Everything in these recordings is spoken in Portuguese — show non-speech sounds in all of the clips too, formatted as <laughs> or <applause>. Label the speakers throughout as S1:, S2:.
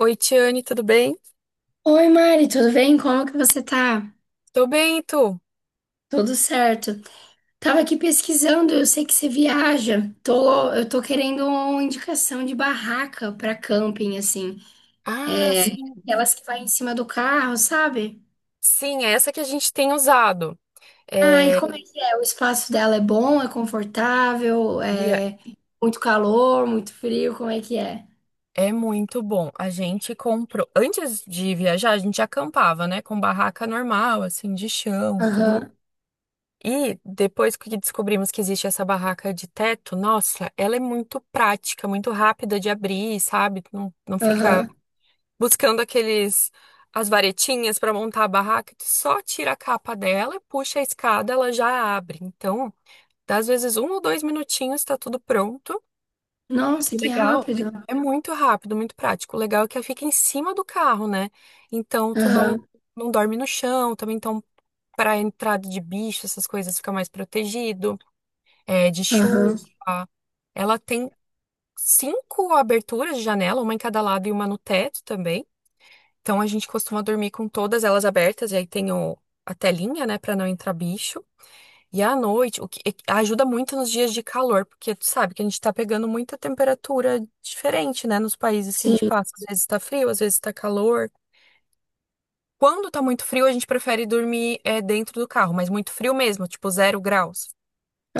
S1: Oi, Tiane, tudo bem?
S2: Oi, Mari, tudo bem? Como que você tá?
S1: Tô bem, e tu?
S2: Tudo certo. Tava aqui pesquisando, eu sei que você viaja. Eu tô querendo uma indicação de barraca pra camping, assim.
S1: Ah,
S2: É,
S1: sim.
S2: aquelas que vai em cima do carro, sabe?
S1: Sim, é essa que a gente tem usado.
S2: Ah, e
S1: É,
S2: como é que é? O espaço dela é bom, é confortável,
S1: via-
S2: é muito calor, muito frio, como é que é?
S1: É muito bom. A gente comprou. Antes de viajar, a gente acampava, né? Com barraca normal, assim, de chão, tudo.
S2: Aham,
S1: E depois que descobrimos que existe essa barraca de teto, nossa, ela é muito prática, muito rápida de abrir, sabe? Não, não fica
S2: aham.
S1: buscando aqueles as varetinhas para montar a barraca. Tu só tira a capa dela e puxa a escada, ela já abre. Então, dá às vezes um ou dois minutinhos, tá tudo pronto.
S2: Nossa,
S1: E o
S2: que
S1: legal
S2: rápido.
S1: é muito rápido, muito prático. O legal é que ela fica em cima do carro, né? Então, tu não
S2: Aham,
S1: não dorme no chão também. Então, para entrada de bicho, essas coisas, fica mais protegido, é, de chuva.
S2: aham.
S1: Ela tem cinco aberturas de janela, uma em cada lado e uma no teto também. Então a gente costuma dormir com todas elas abertas, e aí tem a telinha, né, pra não entrar bicho. E à noite, ajuda muito nos dias de calor, porque tu sabe que a gente tá pegando muita temperatura diferente, né, nos países que a gente
S2: Sim,
S1: passa. Às vezes tá frio, às vezes tá calor. Quando tá muito frio, a gente prefere dormir dentro do carro, mas muito frio mesmo, tipo 0 graus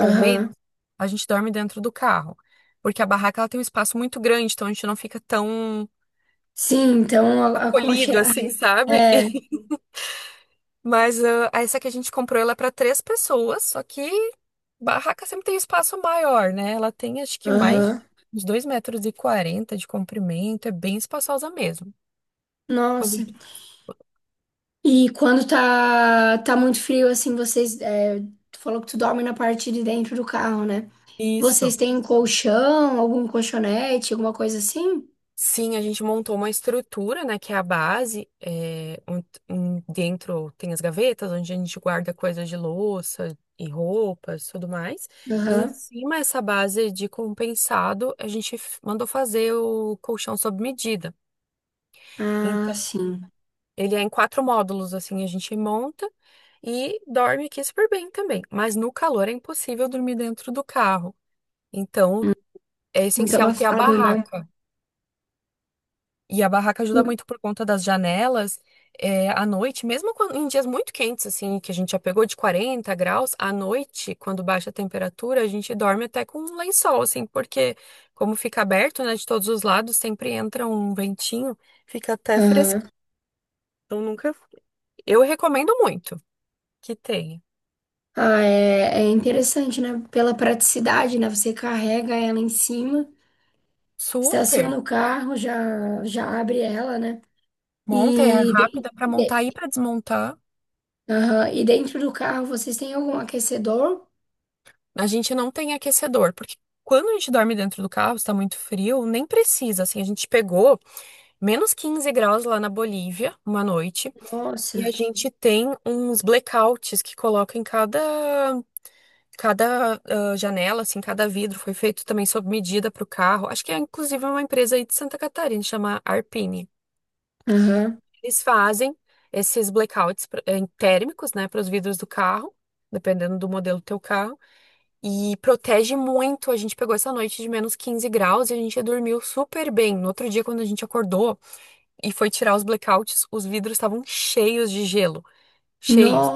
S1: ou menos, a gente dorme dentro do carro. Porque a barraca, ela tem um espaço muito grande, então a gente não fica tão
S2: Sim, então
S1: acolhido assim, sabe? <laughs> Mas essa que a gente comprou, ela é para três pessoas, só que barraca sempre tem espaço maior, né? Ela tem, acho que, mais
S2: aham.
S1: uns 2,40 metros de comprimento, é bem espaçosa mesmo. Quando a
S2: Nossa.
S1: gente-
S2: E quando tá muito frio, assim, vocês. Tu falou que tu dorme na parte de dentro do carro, né?
S1: Isso.
S2: Vocês têm um colchão, algum colchonete, alguma coisa assim?
S1: Sim, a gente montou uma estrutura, né, que é a base, é, dentro tem as gavetas, onde a gente guarda coisas de louça e roupas, tudo mais. E em
S2: Aham.
S1: cima essa base de compensado, a gente mandou fazer o colchão sob medida.
S2: Ah, sim.
S1: Ele é em quatro módulos, assim, a gente monta e dorme aqui super bem também. Mas no calor é impossível dormir dentro do carro. Então,
S2: Hum.
S1: é
S2: Muito
S1: essencial ter a
S2: abafado, né?
S1: barraca. E a barraca ajuda muito por conta das janelas. É, à noite, mesmo em dias muito quentes, assim, que a gente já pegou de 40 graus, à noite, quando baixa a temperatura, a gente dorme até com um lençol, assim, porque como fica aberto, né, de todos os lados, sempre entra um ventinho, fica até
S2: Aham.
S1: fresquinho. Então, nunca. Eu recomendo muito que tenha.
S2: Ah, é, é interessante, né? Pela praticidade, né? Você carrega ela em cima,
S1: Super.
S2: estaciona o carro, já abre ela, né?
S1: Monta, é
S2: E, de-
S1: rápida para
S2: de-
S1: montar e para desmontar.
S2: aham. E dentro do carro vocês têm algum aquecedor?
S1: A gente não tem aquecedor, porque quando a gente dorme dentro do carro, está muito frio, nem precisa. Assim, a gente pegou menos 15 graus lá na Bolívia uma noite, e
S2: Nossa,
S1: a gente tem uns blackouts que coloca em cada janela. Assim, cada vidro foi feito também sob medida para o carro. Acho que é inclusive uma empresa aí de Santa Catarina, chama Arpine.
S2: aham.
S1: Eles fazem esses blackouts térmicos, né, para os vidros do carro, dependendo do modelo do teu carro, e protege muito. A gente pegou essa noite de menos 15 graus e a gente dormiu super bem. No outro dia, quando a gente acordou e foi tirar os blackouts, os vidros estavam cheios de gelo, cheios.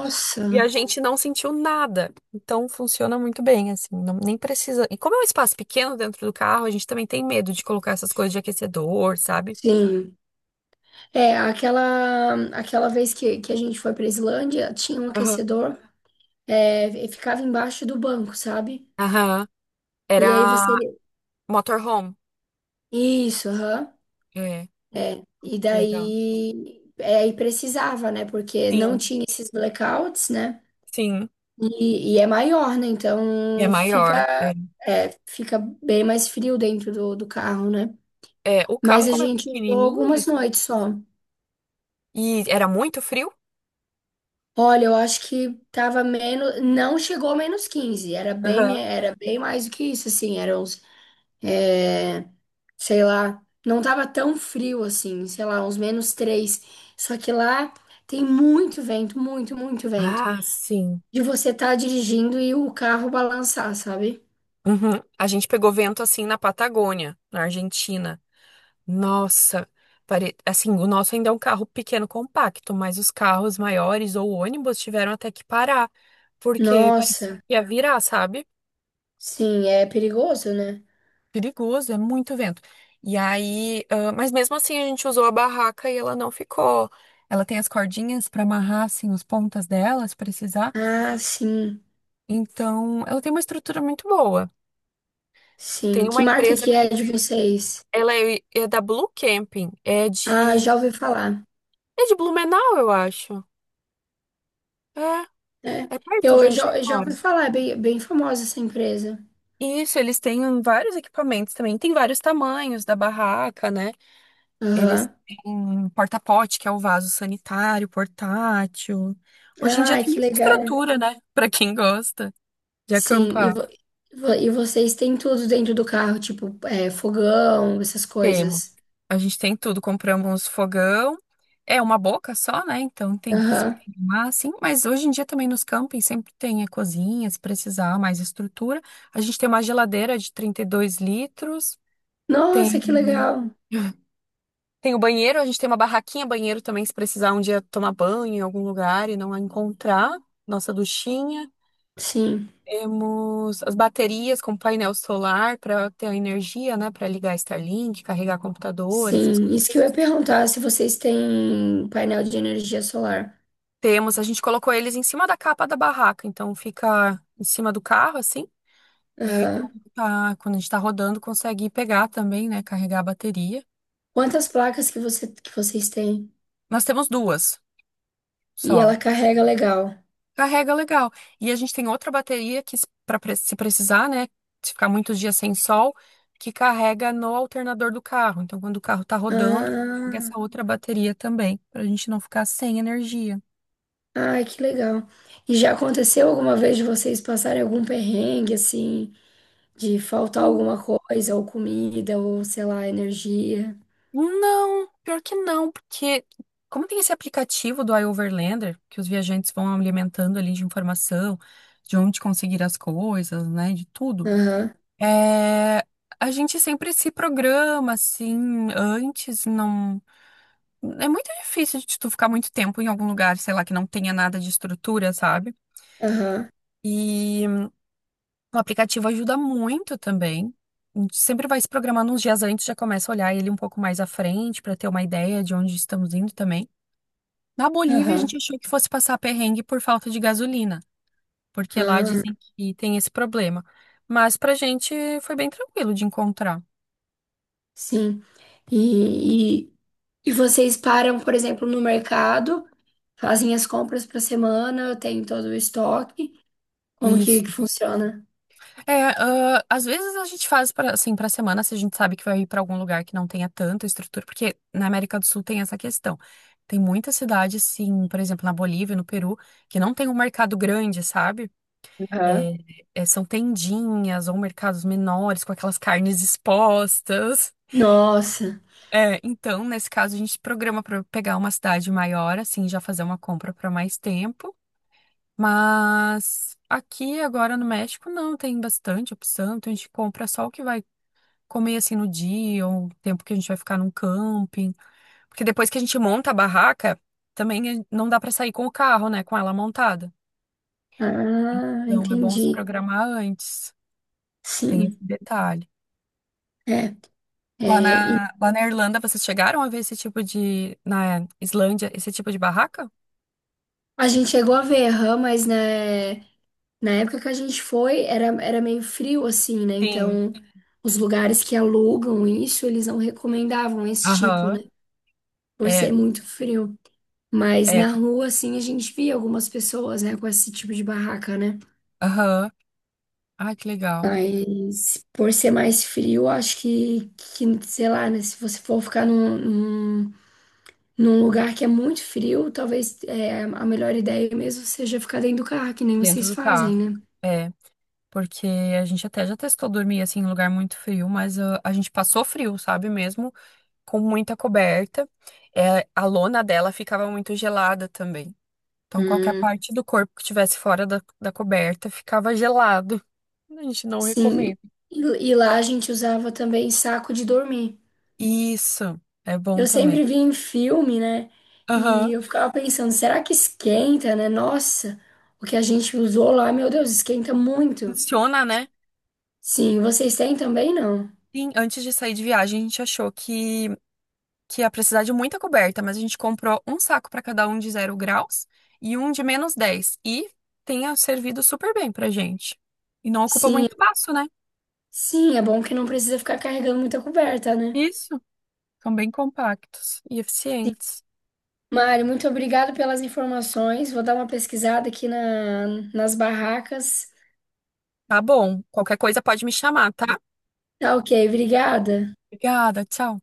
S1: E a gente não sentiu nada. Então funciona muito bem, assim, nem precisa. E como é um espaço pequeno dentro do carro, a gente também tem medo de colocar essas coisas de aquecedor, sabe?
S2: sim. É, aquela vez que a gente foi pra Islândia, tinha um
S1: Aham.
S2: aquecedor, e ficava embaixo do banco, sabe?
S1: Aham. Era
S2: E aí você.
S1: motorhome.
S2: Isso, aham.
S1: É,
S2: É. E
S1: que legal.
S2: daí. É, aí precisava, né? Porque não
S1: Sim,
S2: tinha esses blackouts, né?
S1: sim.
S2: E é maior, né?
S1: E é
S2: Então
S1: maior.
S2: fica,
S1: É.
S2: é, fica bem mais frio dentro do, do carro, né?
S1: É, o
S2: Mas
S1: carro,
S2: a
S1: como é
S2: gente usou
S1: pequenininho,
S2: algumas noites só.
S1: e era muito frio?
S2: Olha, eu acho que tava menos, não chegou a menos 15, era bem,
S1: Aham.
S2: era bem mais do que isso, assim, era uns, é, sei lá, não tava tão frio assim, sei lá, uns menos 3. Só que lá tem muito vento, muito, muito vento,
S1: Ah, sim.
S2: de você tá dirigindo e o carro balançar, sabe?
S1: Uhum. A gente pegou vento assim na Patagônia, na Argentina. Nossa, assim, o nosso ainda é um carro pequeno, compacto, mas os carros maiores ou ônibus tiveram até que parar, porque parecia
S2: Nossa,
S1: que ia virar, sabe?
S2: sim, é perigoso, né?
S1: Perigoso, é muito vento. E aí, mas mesmo assim a gente usou a barraca e ela não ficou. Ela tem as cordinhas para amarrar assim as pontas dela, se precisar.
S2: Ah, sim,
S1: Então, ela tem uma estrutura muito boa. Tem
S2: sim,
S1: uma
S2: que marca
S1: empresa
S2: que é
S1: que
S2: de vocês?
S1: ela é da Blue Camping, é
S2: Ah,
S1: de
S2: já ouvi falar.
S1: Blumenau, eu acho. É,
S2: É.
S1: é perto
S2: Eu
S1: de
S2: eu
S1: onde tu
S2: já, eu já
S1: mora.
S2: ouvi falar, é bem, bem famosa essa empresa.
S1: Isso, eles têm vários equipamentos também. Tem vários tamanhos da barraca, né? Eles
S2: Aham.
S1: têm um porta-pote, que é o vaso sanitário, portátil. Hoje em dia
S2: Ai,
S1: tem
S2: que
S1: muita
S2: legal.
S1: estrutura, né? <laughs> Pra quem gosta de
S2: Sim,
S1: acampar.
S2: e vocês têm tudo dentro do carro, tipo, é, fogão, essas
S1: Temos.
S2: coisas.
S1: A gente tem tudo. Compramos fogão. É uma boca só, né? Então tem que se
S2: Aham.
S1: programar, assim. Mas hoje em dia também nos campings sempre tem a cozinha, se precisar, mais estrutura. A gente tem uma geladeira de 32 litros.
S2: Nossa,
S1: Tem.
S2: que legal.
S1: Tem o banheiro. A gente tem uma barraquinha banheiro também, se precisar um dia tomar banho em algum lugar e não a encontrar. Nossa duchinha.
S2: Sim,
S1: Temos as baterias com painel solar para ter a energia, né? Para ligar Starlink, carregar computador, essas
S2: sim. Isso que eu
S1: coisas.
S2: ia perguntar, se vocês têm painel de energia solar.
S1: Temos, a gente colocou eles em cima da capa da barraca, então fica em cima do carro, assim. E aí,
S2: Aham.
S1: quando tá, quando a gente tá rodando, consegue pegar também, né? Carregar a bateria.
S2: Quantas placas que vocês têm?
S1: Nós temos duas
S2: E
S1: só.
S2: ela carrega legal.
S1: Carrega legal. E a gente tem outra bateria que, para se precisar, né? Se ficar muitos dias sem sol, que carrega no alternador do carro. Então, quando o carro tá rodando, pega
S2: Ah.
S1: essa outra bateria também, pra gente não ficar sem energia.
S2: Ai, que legal. E já aconteceu alguma vez de vocês passarem algum perrengue, assim, de faltar alguma coisa, ou comida, ou sei lá, energia?
S1: Não, pior que não, porque como tem esse aplicativo do iOverlander, que os viajantes vão alimentando ali de informação, de onde conseguir as coisas, né? De tudo.
S2: Aham,
S1: É, a gente sempre se programa, assim, antes, não. É muito difícil de tu ficar muito tempo em algum lugar, sei lá, que não tenha nada de estrutura, sabe?
S2: aham,
S1: E hum, o aplicativo ajuda muito também. A gente sempre vai se programando uns dias antes, já começa a olhar ele um pouco mais à frente para ter uma ideia de onde estamos indo também. Na Bolívia, a
S2: aham.
S1: gente achou que fosse passar perrengue por falta de gasolina, porque lá dizem
S2: Ah,
S1: que tem esse problema. Mas pra gente foi bem tranquilo de encontrar.
S2: sim. E, e, e vocês param, por exemplo, no mercado, fazem as compras para semana, tem todo o estoque. Como
S1: E
S2: que funciona?
S1: é, às vezes a gente faz para, assim, para semana, se a gente sabe que vai ir para algum lugar que não tenha tanta estrutura, porque na América do Sul tem essa questão. Tem muitas cidades, sim, por exemplo, na Bolívia, no Peru, que não tem um mercado grande, sabe?
S2: Aham.
S1: É, são tendinhas ou mercados menores com aquelas carnes expostas.
S2: Nossa.
S1: É, então, nesse caso, a gente programa para pegar uma cidade maior, assim, já fazer uma compra para mais tempo. Mas aqui agora no México não tem bastante opção, então a gente compra só o que vai comer assim no dia, ou o tempo que a gente vai ficar num camping. Porque depois que a gente monta a barraca, também não dá pra sair com o carro, né? Com ela montada.
S2: Ah,
S1: Então é bom se
S2: entendi.
S1: programar antes. Tem esse
S2: Sim.
S1: detalhe.
S2: É, e
S1: Lá na Irlanda, vocês chegaram a ver esse tipo de. Na Islândia, esse tipo de barraca?
S2: a gente chegou a ver, aham, mas né. Na época que a gente foi, era meio frio assim, né?
S1: Sim.
S2: Então, os lugares que alugam isso, eles não recomendavam esse tipo,
S1: Aham.
S2: né? Por
S1: É,
S2: ser muito frio. Mas
S1: é.
S2: na rua, assim, a gente via algumas pessoas, né, com esse tipo de barraca, né?
S1: Aham. Ai, que legal.
S2: Mas por ser mais frio, acho que sei lá, né? Se você for ficar num lugar que é muito frio, talvez é, a melhor ideia mesmo seja ficar dentro do carro, que nem
S1: Dentro
S2: vocês
S1: do
S2: fazem,
S1: carro.
S2: né?
S1: É. Porque a gente até já testou dormir assim em lugar muito frio, mas a gente passou frio, sabe mesmo? Com muita coberta. É, a lona dela ficava muito gelada também. Então, qualquer
S2: Hum.
S1: parte do corpo que estivesse fora da coberta ficava gelado. A gente não
S2: Sim,
S1: recomenda.
S2: e, e lá a gente usava também saco de dormir.
S1: Isso, é bom
S2: Eu
S1: também.
S2: sempre via em filme, né?
S1: Aham.
S2: E eu ficava pensando, será que esquenta, né? Nossa, o que a gente usou lá, meu Deus, esquenta muito.
S1: Funciona, né?
S2: Sim, vocês têm também, não?
S1: Sim, antes de sair de viagem, a gente achou que ia precisar de muita coberta, mas a gente comprou um saco para cada um de 0 graus e um de -10. E tenha servido super bem pra gente. E não ocupa
S2: Sim,
S1: muito espaço, né?
S2: sim, é bom que não precisa ficar carregando muita coberta, né?
S1: Isso. São bem compactos e
S2: Sim.
S1: eficientes.
S2: Mário, muito obrigado pelas informações. Vou dar uma pesquisada aqui na, nas barracas.
S1: Tá bom. Qualquer coisa pode me chamar, tá?
S2: Tá ok, obrigada.
S1: Obrigada, tchau.